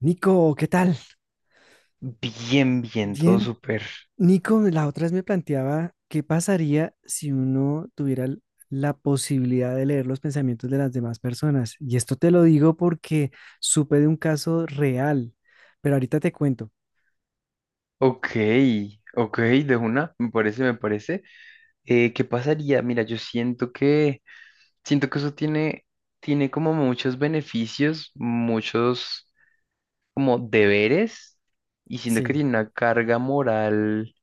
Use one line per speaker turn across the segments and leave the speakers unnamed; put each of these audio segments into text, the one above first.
Nico, ¿qué tal?
Bien, bien, todo
Bien.
súper.
Nico, la otra vez me planteaba qué pasaría si uno tuviera la posibilidad de leer los pensamientos de las demás personas. Y esto te lo digo porque supe de un caso real, pero ahorita te cuento.
Ok, ok, de una, me parece, me parece. ¿Qué pasaría? Mira, siento que eso tiene como muchos beneficios, muchos como deberes, y siento que
Sí.
tiene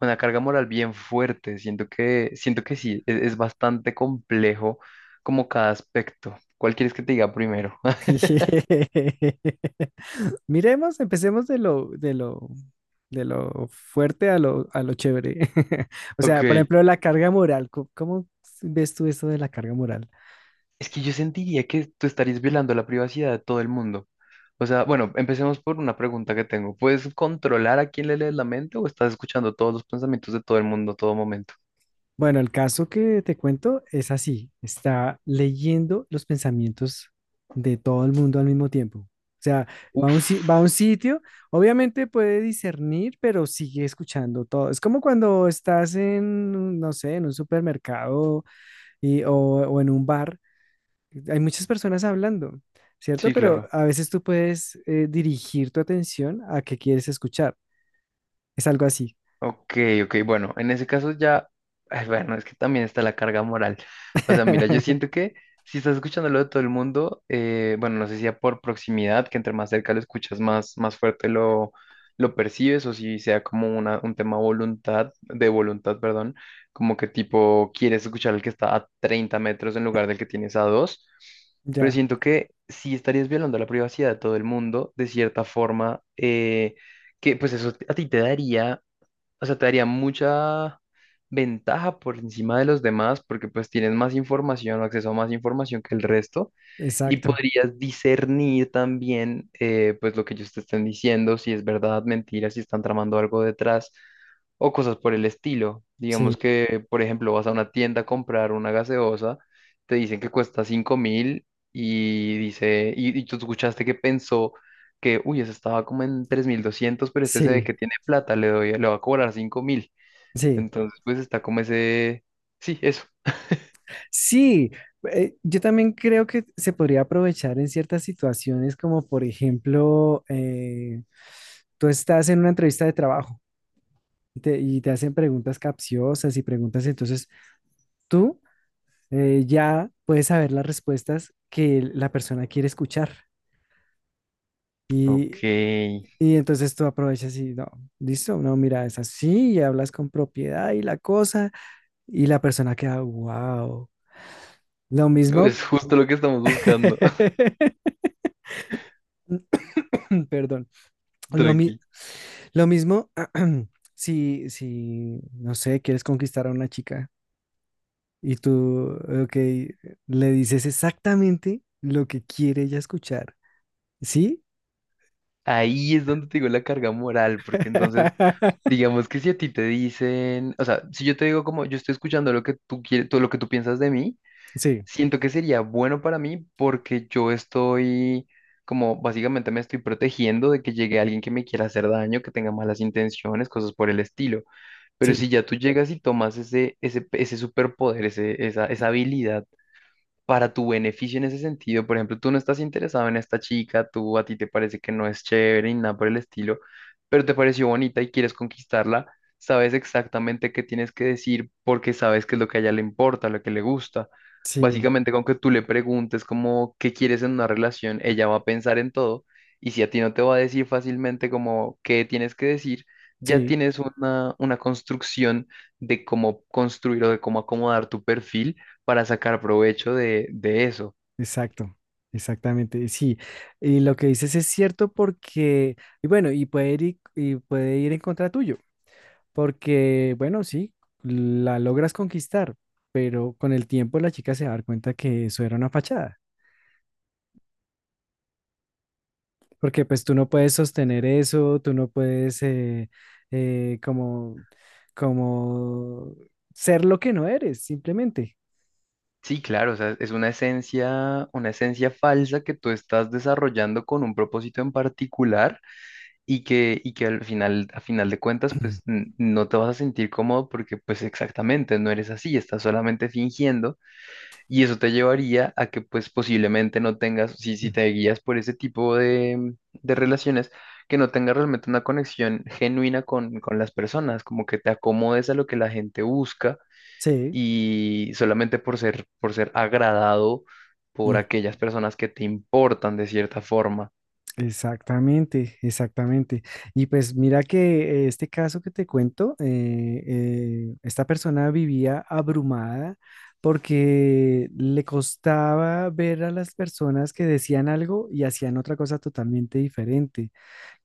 una carga moral bien fuerte. Siento que sí, es bastante complejo como cada aspecto. ¿Cuál quieres que te diga primero?
Miremos, empecemos de lo fuerte a lo chévere. O sea, por
Ok.
ejemplo, la carga moral. ¿Cómo ves tú esto de la carga moral?
Es que yo sentiría que tú estarías violando la privacidad de todo el mundo. O sea, bueno, empecemos por una pregunta que tengo. ¿Puedes controlar a quién le lees la mente o estás escuchando todos los pensamientos de todo el mundo a todo momento?
Bueno, el caso que te cuento es así, está leyendo los pensamientos de todo el mundo al mismo tiempo. O sea, va a un, si-
Uf,
va a un sitio, obviamente puede discernir, pero sigue escuchando todo. Es como cuando estás en, no sé, en un supermercado o en un bar, hay muchas personas hablando, ¿cierto?
sí,
Pero
claro.
a veces tú puedes dirigir tu atención a qué quieres escuchar. Es algo así.
Ok, ok, bueno, en ese caso ya, ay, bueno, es que también está la carga moral. O sea, mira, yo siento que si estás escuchándolo de todo el mundo, bueno, no sé si sea por proximidad, que entre más cerca lo escuchas, más fuerte lo percibes, o si sea como una, un tema voluntad, de voluntad, perdón, como que tipo quieres escuchar al que está a 30 metros en lugar del que tienes a dos, pero
Ya,
siento que sí estarías violando la privacidad de todo el mundo, de cierta forma, que pues eso a ti te daría o sea, te daría mucha ventaja por encima de los demás porque pues tienes más información o acceso a más información que el resto. Y
exacto.
podrías discernir también, pues lo que ellos te estén diciendo, si es verdad, mentira, si están tramando algo detrás o cosas por el estilo. Digamos
Sí,
que, por ejemplo, vas a una tienda a comprar una gaseosa, te dicen que cuesta 5.000 y dice, y tú escuchaste que pensó que, uy, esa estaba como en 3.200 pero este se ve
sí,
que tiene plata, le doy, le va a cobrar 5.000.
sí.
Entonces, pues está como ese, sí, eso.
Sí, yo también creo que se podría aprovechar en ciertas situaciones, como por ejemplo, tú estás en una entrevista de trabajo y te hacen preguntas capciosas y preguntas, entonces tú ya puedes saber las respuestas que la persona quiere escuchar.
Ok,
Y, y entonces tú aprovechas y no, listo, no, mira, es así, y hablas con propiedad y la cosa, y la persona queda, wow. Lo mismo,
es justo lo que estamos buscando.
perdón. Lo, mi-
Tranqui.
lo mismo, si, si, no sé, quieres conquistar a una chica y tú, ok, le dices exactamente lo que quiere ella escuchar, ¿sí?
Ahí es donde te digo la carga moral, porque entonces, digamos que si a ti te dicen, o sea, si yo te digo como yo estoy escuchando lo que tú quieres, todo lo que tú piensas de mí,
Sí,
siento que sería bueno para mí porque yo estoy como básicamente me estoy protegiendo de que llegue alguien que me quiera hacer daño, que tenga malas intenciones, cosas por el estilo. Pero
sí,
si ya tú llegas y tomas ese superpoder, ese esa esa habilidad para tu beneficio en ese sentido. Por ejemplo, tú no estás interesado en esta chica, tú a ti te parece que no es chévere y nada por el estilo, pero te pareció bonita y quieres conquistarla, sabes exactamente qué tienes que decir porque sabes qué es lo que a ella le importa, lo que le gusta.
sí,
Básicamente, con que tú le preguntes como qué quieres en una relación, ella va a pensar en todo y si a ti no te va a decir fácilmente como qué tienes que decir, ya
sí,
tienes una construcción de cómo construir o de cómo acomodar tu perfil para sacar provecho de eso.
exacto, exactamente, sí. Y lo que dices es cierto porque, y bueno, y puede ir, y puede ir en contra tuyo. Porque, bueno, sí, la logras conquistar, pero con el tiempo la chica se va a dar cuenta que eso era una fachada, porque pues tú no puedes sostener eso, tú no puedes eh, como, como ser lo que no eres, simplemente.
Sí, claro, o sea, es una esencia falsa que tú estás desarrollando con un propósito en particular y que al final, a final de cuentas, pues no te vas a sentir cómodo porque pues exactamente no eres así, estás solamente fingiendo y eso te llevaría a que pues posiblemente no tengas, si
Mm.
te guías por ese tipo de relaciones, que no tengas realmente una conexión genuina con las personas, como que te acomodes a lo que la gente busca
Sí.
y solamente por ser agradado por aquellas personas que te importan de cierta forma.
Exactamente, exactamente. Y pues mira que este caso que te cuento, esta persona vivía abrumada porque le costaba ver a las personas que decían algo y hacían otra cosa totalmente diferente,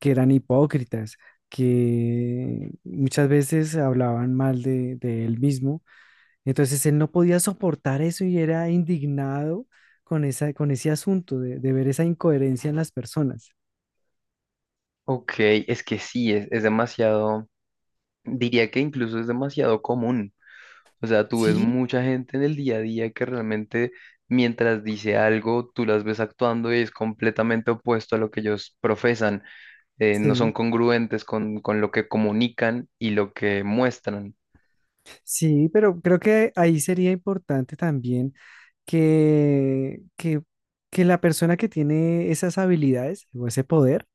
que eran hipócritas, que muchas veces hablaban mal de él mismo. Entonces él no podía soportar eso y era indignado con esa, con ese asunto de ver esa incoherencia en las personas.
Ok, es que sí, es demasiado, diría que incluso es demasiado común. O sea, tú ves
Sí,
mucha gente en el día a día que realmente mientras dice algo, tú las ves actuando y es completamente opuesto a lo que ellos profesan. No son
sí,
congruentes con lo que comunican y lo que muestran.
sí, pero creo que ahí sería importante también que, que, que la persona que tiene esas habilidades o ese poder,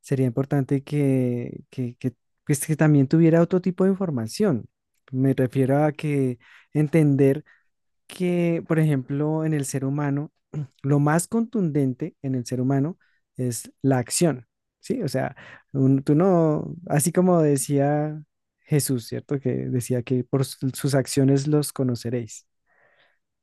sería importante pues, que también tuviera otro tipo de información. Me refiero a que entender que, por ejemplo, en el ser humano, lo más contundente en el ser humano es la acción, ¿sí? O sea, tú no, así como decía Jesús, ¿cierto? Que decía que por sus acciones los conoceréis,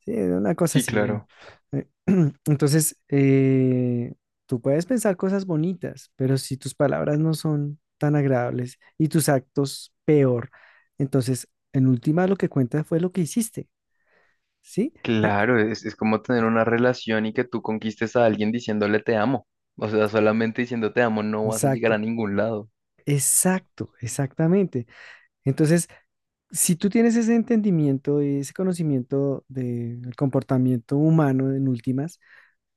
¿sí? Una cosa
Sí,
así, bueno.
claro.
Eh, Entonces, tú puedes pensar cosas bonitas, pero si tus palabras no son tan agradables y tus actos peor, entonces, en última, lo que cuenta fue lo que hiciste, ¿sí?
Claro, es como tener una relación y que tú conquistes a alguien diciéndole te amo. O sea, solamente diciendo te amo no vas a llegar
Exacto,
a ningún lado.
exacto, exactamente. Entonces, si tú tienes ese entendimiento y ese conocimiento del comportamiento humano en últimas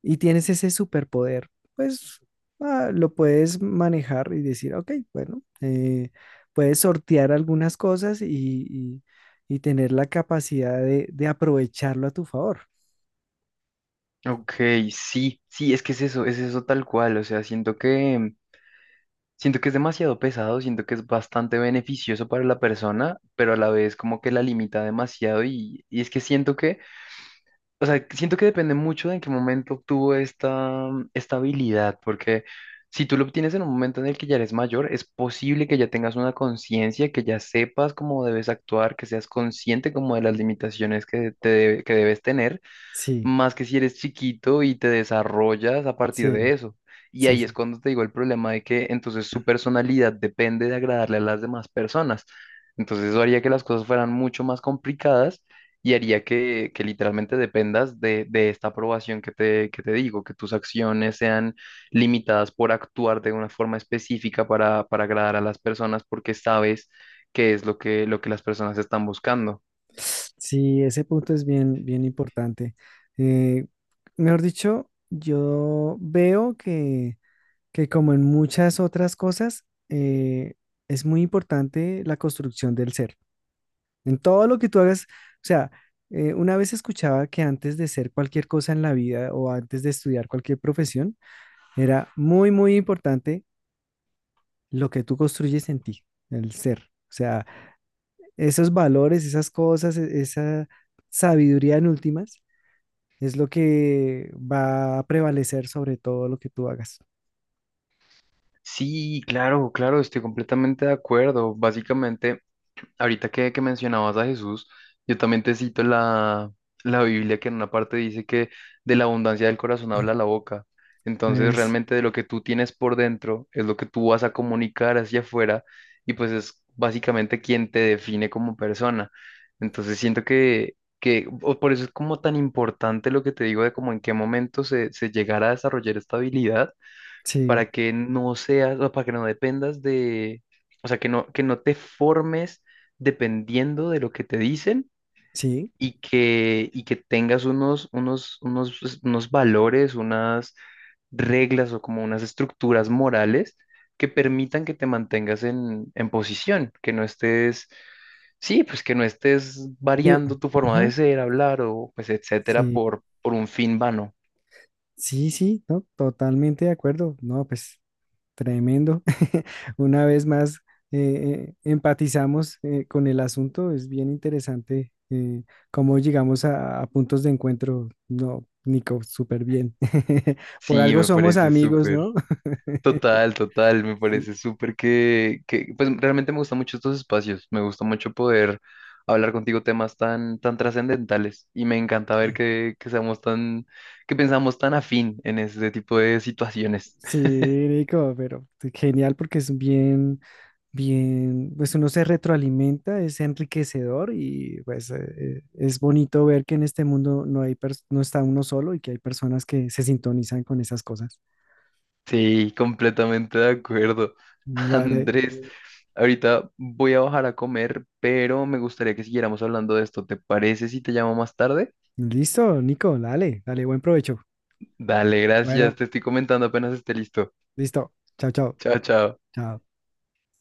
y tienes ese superpoder, pues ah, lo puedes manejar y decir, ok, bueno, puedes sortear algunas cosas y- y tener la capacidad de aprovecharlo a tu favor.
Ok, sí, sí, es que es eso tal cual. O sea, siento que es demasiado pesado, siento que es bastante beneficioso para la persona, pero a la vez como que la limita demasiado y es que siento que O sea, siento que depende mucho de en qué momento obtuvo esta habilidad, porque si tú lo obtienes en un momento en el que ya eres mayor, es posible que ya tengas una conciencia, que ya sepas cómo debes actuar, que seas consciente como de las limitaciones que debes tener
Sí,
más que si eres chiquito y te desarrollas a partir de
sí,
eso. Y
sí,
ahí es
sí.
cuando te digo el problema de que entonces su personalidad depende de agradarle a las demás personas. Entonces eso haría que las cosas fueran mucho más complicadas y haría que literalmente dependas de esta aprobación que te digo, que tus acciones sean limitadas por actuar de una forma específica para agradar a las personas porque sabes qué es lo que las personas están buscando.
Sí, ese punto es bien, bien importante. Eh, mejor dicho, yo veo que como en muchas otras cosas, es muy importante la construcción del ser. En todo lo que tú hagas, o sea, una vez escuchaba que antes de ser cualquier cosa en la vida o antes de estudiar cualquier profesión, era muy, muy importante lo que tú construyes en ti, el ser. O sea, esos valores, esas cosas, esa sabiduría en últimas es lo que va a prevalecer sobre todo lo que tú hagas.
Sí, claro, claro, estoy completamente de acuerdo. Básicamente, ahorita que mencionabas a Jesús, yo también te cito la Biblia que en una parte dice que de la abundancia del corazón habla la boca. Entonces,
Es,
realmente de lo que tú tienes por dentro es lo que tú vas a comunicar hacia afuera y pues es básicamente quien te define como persona. Entonces, siento que o por eso es como tan importante lo que te digo de como en qué momento se llegará a desarrollar esta habilidad
sí,
para que no seas, o para que no dependas de, o sea, que no te formes dependiendo de lo que te dicen
sí.
y que tengas pues, unos valores, unas reglas o como unas estructuras morales que permitan que te mantengas en posición, que no estés, sí, pues que no estés
y-
variando tu forma de
ujú,
ser, hablar o pues etcétera
sí,
por un fin vano.
sí, sí, ¿no? Totalmente de acuerdo. No, pues tremendo. Una vez más, empatizamos con el asunto. Es bien interesante cómo llegamos a puntos de encuentro. No, Nico, súper bien. Por
Sí,
algo
me
somos
parece
amigos,
súper.
¿no?
Total, total, me
Sí,
parece súper que, pues realmente me gustan mucho estos espacios, me gusta mucho poder hablar contigo temas tan, tan trascendentales y me encanta ver que seamos tan, que pensamos tan afín en este tipo de situaciones.
sí, Nico, pero genial porque es bien, pues uno se retroalimenta, es enriquecedor y pues es bonito ver que en este mundo no hay no está uno solo y que hay personas que se sintonizan con esas cosas.
Sí, completamente de acuerdo.
Vale,
Andrés, sí, ahorita voy a bajar a comer, pero me gustaría que siguiéramos hablando de esto. ¿Te parece si te llamo más tarde?
listo, Nico, dale, dale, buen provecho.
Dale, gracias,
Bueno,
te estoy comentando apenas esté listo.
listo. Chao, chao.
Chao, chao.
Chao.